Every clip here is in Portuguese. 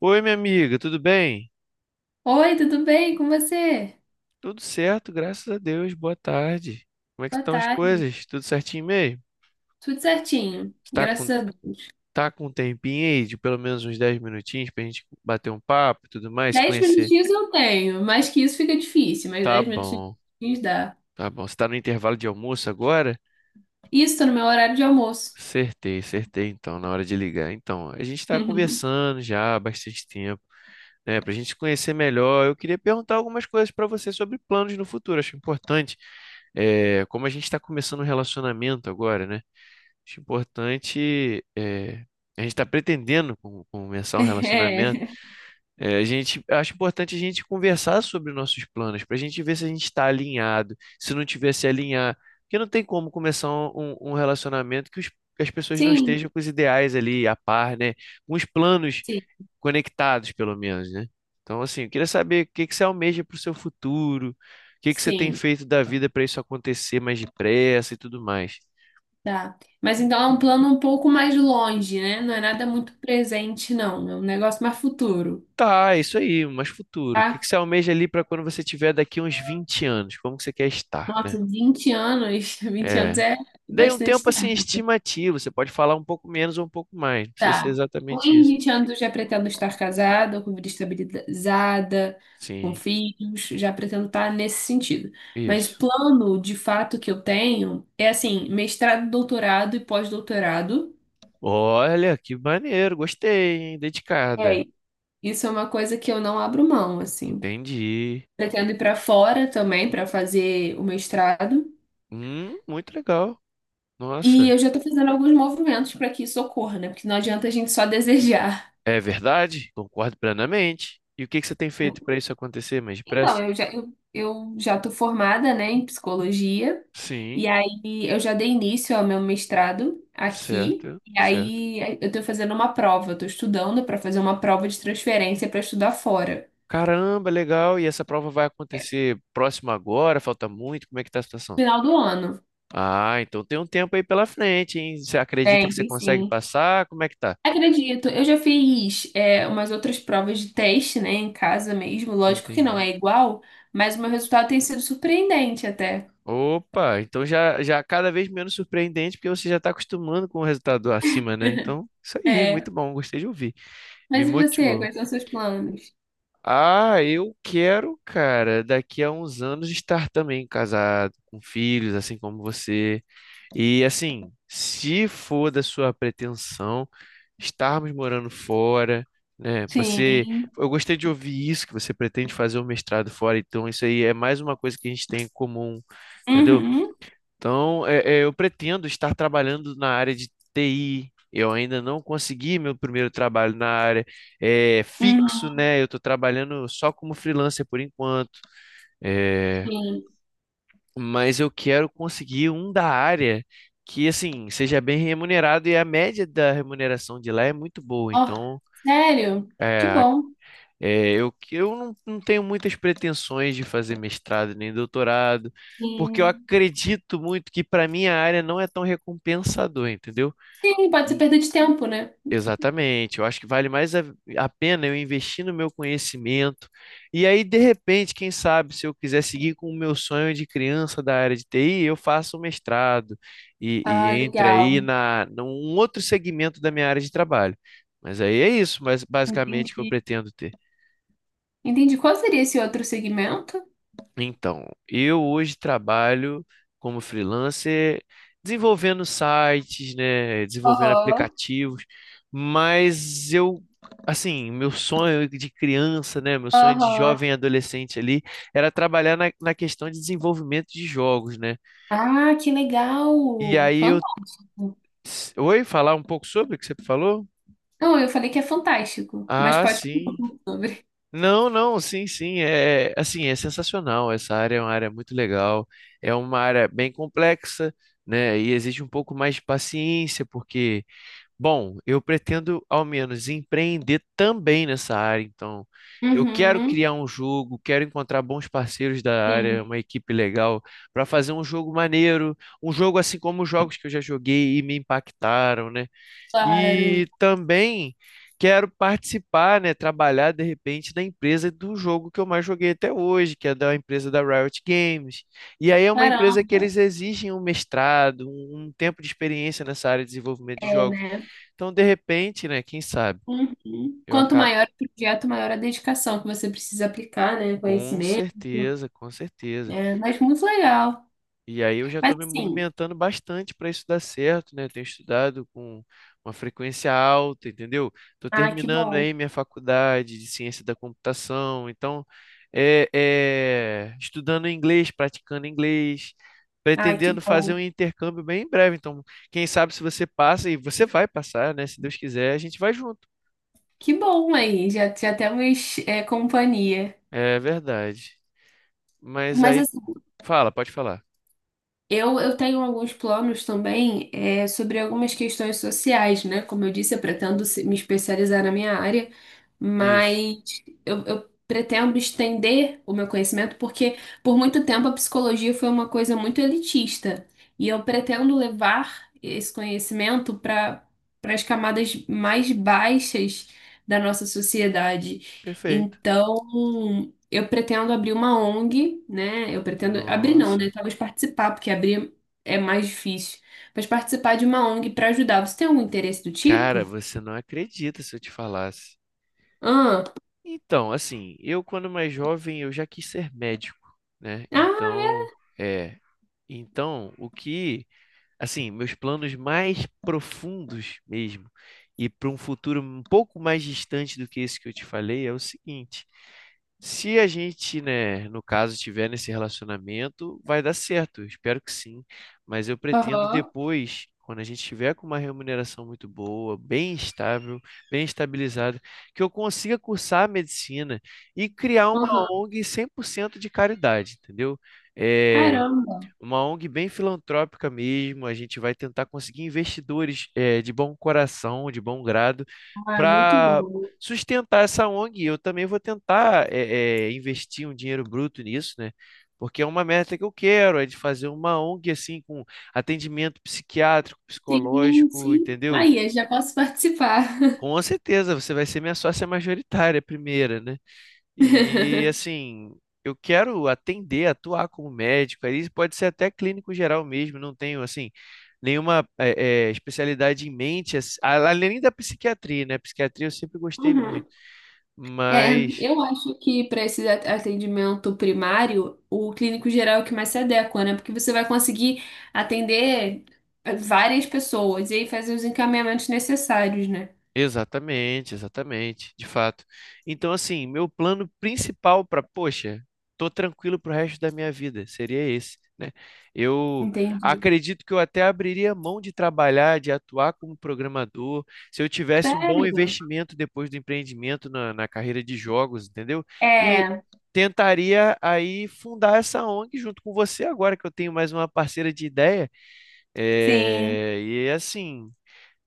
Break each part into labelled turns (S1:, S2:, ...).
S1: Oi, minha amiga, tudo bem?
S2: Oi, tudo bem com você?
S1: Tudo certo, graças a Deus. Boa tarde. Como é que
S2: Boa
S1: estão as
S2: tarde.
S1: coisas? Tudo certinho mesmo?
S2: Tudo certinho.
S1: Você tá com,
S2: Graças a Deus.
S1: tá com um tempinho aí de pelo menos uns 10 minutinhos pra gente bater um papo e tudo mais, se
S2: Dez
S1: conhecer?
S2: minutinhos eu tenho. Mais que isso fica difícil, mas
S1: Tá
S2: dez
S1: bom,
S2: minutinhos dá.
S1: tá bom. Você tá no intervalo de almoço agora?
S2: Isso, tô no meu horário de almoço.
S1: Acertei, acertei então, na hora de ligar. Então, a gente tá conversando já há bastante tempo, né? Pra gente se conhecer melhor, eu queria perguntar algumas coisas pra você sobre planos no futuro. Acho importante, como a gente está começando um relacionamento agora, né? Acho importante. A gente está pretendendo começar um relacionamento.
S2: É.
S1: A gente acho importante a gente conversar sobre nossos planos, para a gente ver se a gente está alinhado, se não tiver se alinhar. Porque não tem como começar um relacionamento que as pessoas não
S2: Sim,
S1: estejam com os ideais ali a par, né? Com os planos
S2: sim,
S1: conectados, pelo menos, né? Então, assim, eu queria saber o que que você almeja para o seu futuro, o que que você tem
S2: sim,
S1: feito da vida para isso acontecer mais depressa e tudo mais.
S2: tá. Mas então é um plano um pouco mais longe, né? Não é nada muito presente, não. É um negócio mais futuro,
S1: Tá, é isso aí, mas futuro. O que que
S2: tá?
S1: você almeja ali para quando você tiver daqui uns 20 anos? Como que você quer estar, né?
S2: Nossa, 20 anos, 20 anos
S1: É.
S2: é
S1: Dei um
S2: bastante.
S1: tempo assim estimativo, você pode falar um pouco menos ou um pouco mais, não precisa ser
S2: Tá. Com
S1: exatamente isso.
S2: 20 anos, já pretendo estar casada, com vida estabilizada, com
S1: Sim,
S2: filhos, já pretendo estar nesse sentido. Mas o
S1: isso.
S2: plano de fato que eu tenho é assim, mestrado, doutorado e pós-doutorado.
S1: Olha, que maneiro, gostei, hein? Dedicada.
S2: É, isso é uma coisa que eu não abro mão, assim.
S1: Entendi.
S2: Pretendo ir para fora também para fazer o mestrado.
S1: Muito legal.
S2: E
S1: Nossa,
S2: eu já estou fazendo alguns movimentos para que isso ocorra, né? Porque não adianta a gente só desejar.
S1: é verdade? Concordo plenamente. E o que que você tem
S2: Né?
S1: feito para isso acontecer mais
S2: Então,
S1: depressa?
S2: eu já tô formada, né, em psicologia, e
S1: Sim,
S2: aí eu já dei início ao meu mestrado aqui,
S1: certo,
S2: e
S1: certo.
S2: aí eu tô fazendo uma prova, eu tô estudando para fazer uma prova de transferência para estudar fora,
S1: Caramba, legal. E essa prova vai acontecer próxima agora? Falta muito? Como é que tá a situação?
S2: final do ano.
S1: Ah, então tem um tempo aí pela frente, hein? Você acredita que
S2: Tem,
S1: você
S2: tem
S1: consegue
S2: sim.
S1: passar? Como é que tá?
S2: Acredito, eu já fiz umas outras provas de teste, né, em casa mesmo, lógico que não
S1: Entendi.
S2: é igual, mas o meu resultado tem sido surpreendente até.
S1: Opa, então já já cada vez menos surpreendente porque você já está acostumando com o resultado acima, né? Então, isso aí,
S2: É,
S1: muito bom, gostei de ouvir. Me
S2: mas e você,
S1: motivou.
S2: quais são os seus planos?
S1: Ah, eu quero, cara, daqui a uns anos estar também casado, com filhos, assim como você. E assim, se for da sua pretensão estarmos morando fora, né?
S2: Sim.
S1: Eu gostei de ouvir isso, que você pretende fazer um mestrado fora, então isso aí é mais uma coisa que a gente tem em comum, entendeu?
S2: Uhum.
S1: Então, eu pretendo estar trabalhando na área de TI. Eu ainda não consegui meu primeiro trabalho na área fixo,
S2: Uhum.
S1: né? Eu estou trabalhando só como freelancer por enquanto. é,
S2: Sim.
S1: mas eu quero conseguir um da área que, assim, seja bem remunerado e a média da remuneração de lá é muito boa.
S2: Ó,
S1: Então,
S2: sério? Que
S1: é,
S2: bom.
S1: eu não, não tenho muitas pretensões de fazer mestrado nem doutorado, porque eu
S2: Sim.
S1: acredito muito que para minha área não é tão recompensador, entendeu?
S2: Sim, pode ser perda de tempo, né?
S1: Exatamente, eu acho que vale mais a pena eu investir no meu conhecimento. E aí, de repente, quem sabe, se eu quiser seguir com o meu sonho de criança da área de TI, eu faço um mestrado
S2: Ah,
S1: e entre aí
S2: legal.
S1: num outro segmento da minha área de trabalho. Mas aí é isso, mas basicamente que eu
S2: Entendi.
S1: pretendo ter.
S2: Entendi. Qual seria esse outro segmento?
S1: Então, eu hoje trabalho como freelancer desenvolvendo sites, né, desenvolvendo
S2: Aham.
S1: aplicativos, mas eu, assim, meu sonho de criança, né, meu sonho de
S2: Aham.
S1: jovem adolescente ali era trabalhar na questão de desenvolvimento de jogos, né?
S2: Ah, que legal.
S1: E aí eu,
S2: Fantástico.
S1: oi, falar um pouco sobre o que você falou?
S2: Não, eu falei que é fantástico, mas
S1: Ah,
S2: pode falar um
S1: sim.
S2: pouco sobre.
S1: Não, não, sim, sim, é assim, é sensacional. Essa área é uma área muito legal, é uma área bem complexa, né? E exige um pouco mais de paciência, porque, bom, eu pretendo ao menos empreender também nessa área, então eu quero
S2: Uhum.
S1: criar um jogo, quero encontrar bons parceiros da
S2: Sim,
S1: área, uma equipe legal para fazer um jogo maneiro, um jogo assim como os jogos que eu já joguei e me impactaram, né?
S2: claro.
S1: E também quero participar, né, trabalhar de repente na empresa do jogo que eu mais joguei até hoje, que é da empresa da Riot Games. E aí é uma empresa que eles
S2: Caramba.
S1: exigem um mestrado, um tempo de experiência nessa área de desenvolvimento de
S2: É,
S1: jogos.
S2: né?
S1: Então, de repente, né, quem sabe,
S2: Uhum.
S1: eu
S2: Quanto
S1: acabo
S2: maior o projeto, maior a dedicação que você precisa aplicar, né?
S1: com
S2: Conhecimento.
S1: certeza, com certeza.
S2: É, mas muito legal.
S1: E aí eu já estou
S2: Mas
S1: me
S2: assim,
S1: movimentando bastante para isso dar certo, né? Tenho estudado com uma frequência alta, entendeu? Estou
S2: ah, que
S1: terminando aí
S2: bom.
S1: minha faculdade de ciência da computação, então estudando inglês, praticando inglês,
S2: Ah,
S1: pretendendo
S2: que
S1: fazer um
S2: bom.
S1: intercâmbio bem em breve. Então, quem sabe se você passa e você vai passar, né? Se Deus quiser, a gente vai junto.
S2: Que bom, aí já, já temos companhia.
S1: É verdade. Mas
S2: Mas
S1: aí, fala, pode falar.
S2: eu, tenho alguns planos também sobre algumas questões sociais, né? Como eu disse, eu pretendo me especializar na minha área,
S1: Isso.
S2: mas eu pretendo estender o meu conhecimento, porque por muito tempo a psicologia foi uma coisa muito elitista e eu pretendo levar esse conhecimento para as camadas mais baixas da nossa sociedade.
S1: Perfeito.
S2: Então, eu pretendo abrir uma ONG, né? Eu pretendo abrir não, né?
S1: Nossa.
S2: Talvez participar, porque abrir é mais difícil. Mas participar de uma ONG para ajudar. Você tem algum interesse do
S1: Cara,
S2: tipo?
S1: você não acredita se eu te falasse.
S2: Ah,
S1: Então, assim, eu quando mais jovem eu já quis ser médico, né?
S2: ah,
S1: Então, é, então o que, assim, meus planos mais profundos mesmo e para um futuro um pouco mais distante do que esse que eu te falei é o seguinte. Se a gente, né, no caso, estiver nesse relacionamento, vai dar certo, eu espero que sim. Mas eu pretendo
S2: aham,
S1: depois, quando a gente estiver com uma remuneração muito boa, bem estável, bem estabilizada, que eu consiga cursar a medicina e criar uma
S2: aham.
S1: ONG 100% de caridade, entendeu? É,
S2: Caramba.
S1: uma ONG bem filantrópica mesmo, a gente vai tentar conseguir investidores de bom coração, de bom grado,
S2: Ah, é muito
S1: para
S2: bom.
S1: sustentar essa ONG. Eu também vou tentar investir um dinheiro bruto nisso, né? Porque é uma meta que eu quero, é de fazer uma ONG assim com atendimento psiquiátrico,
S2: Sim,
S1: psicológico,
S2: sim.
S1: entendeu?
S2: Aí, eu já posso participar.
S1: Com certeza você vai ser minha sócia majoritária primeira, né? E assim, eu quero atender, atuar como médico, aí pode ser até clínico geral mesmo, não tenho assim nenhuma especialidade em mente, além da psiquiatria, né? Psiquiatria eu sempre gostei muito,
S2: Uhum. É,
S1: mas
S2: eu acho que para esse atendimento primário, o clínico geral é o que mais se adequa, né? Porque você vai conseguir atender várias pessoas e aí fazer os encaminhamentos necessários, né?
S1: exatamente, exatamente, de fato. Então, assim, meu plano principal para, poxa, tô tranquilo pro resto da minha vida, seria esse, né? Eu
S2: Entendi.
S1: acredito que eu até abriria mão de trabalhar, de atuar como programador, se eu tivesse um bom
S2: Sério?
S1: investimento depois do empreendimento na carreira de jogos, entendeu? E
S2: É,
S1: tentaria aí fundar essa ONG junto com você agora que eu tenho mais uma parceira de ideia.
S2: sim,
S1: É, e assim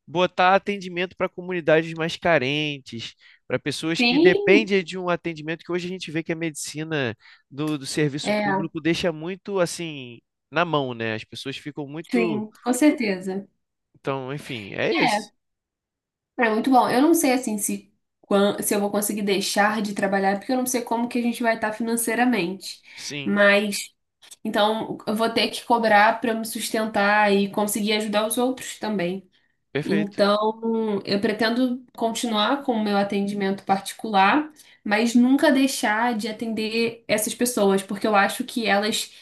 S1: botar atendimento para comunidades mais carentes, para pessoas que
S2: sim,
S1: dependem de um atendimento que hoje a gente vê que a medicina do serviço
S2: é,
S1: público deixa muito assim na mão, né? As pessoas ficam muito.
S2: sim, com certeza.
S1: Então, enfim, é isso.
S2: É, é muito bom. Eu não sei assim se, se eu vou conseguir deixar de trabalhar, porque eu não sei como que a gente vai estar financeiramente.
S1: Sim,
S2: Mas, então, eu vou ter que cobrar para me sustentar e conseguir ajudar os outros também.
S1: perfeito,
S2: Então, eu pretendo continuar com o meu atendimento particular, mas nunca deixar de atender essas pessoas, porque eu acho que elas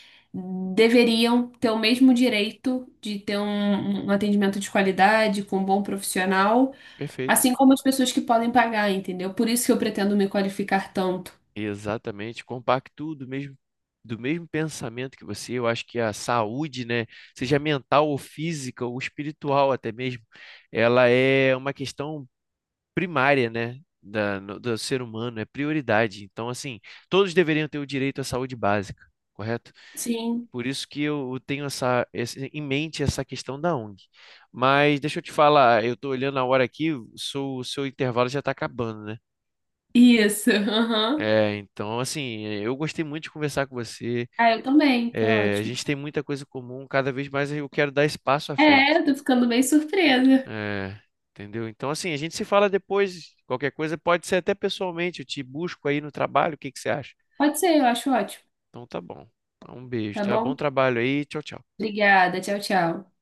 S2: deveriam ter o mesmo direito de ter um atendimento de qualidade, com um bom profissional,
S1: perfeito.
S2: assim como as pessoas que podem pagar, entendeu? Por isso que eu pretendo me qualificar tanto.
S1: Exatamente, compacto do mesmo pensamento que você, eu acho que a saúde, né, seja mental ou física ou espiritual até mesmo, ela é uma questão primária, né, da, no- do ser humano, é prioridade. Então, assim, todos deveriam ter o direito à saúde básica, correto?
S2: Sim,
S1: Por isso que eu tenho em mente essa questão da ONG. Mas deixa eu te falar, eu estou olhando a hora aqui, o seu intervalo já está acabando, né?
S2: isso. Aham.
S1: É, então, assim, eu gostei muito de conversar com você.
S2: Ah, eu também. Foi
S1: É, a
S2: ótimo.
S1: gente tem muita coisa em comum, cada vez mais eu quero dar espaço à
S2: É,
S1: frente.
S2: eu tô ficando bem surpresa.
S1: É, entendeu? Então, assim, a gente se fala depois, qualquer coisa, pode ser até pessoalmente, eu te busco aí no trabalho, o que que você acha?
S2: Pode ser, eu acho ótimo.
S1: Então tá bom. Então, um beijo,
S2: Tá
S1: tá? Bom
S2: bom?
S1: trabalho aí, tchau, tchau.
S2: Obrigada. Tchau, tchau.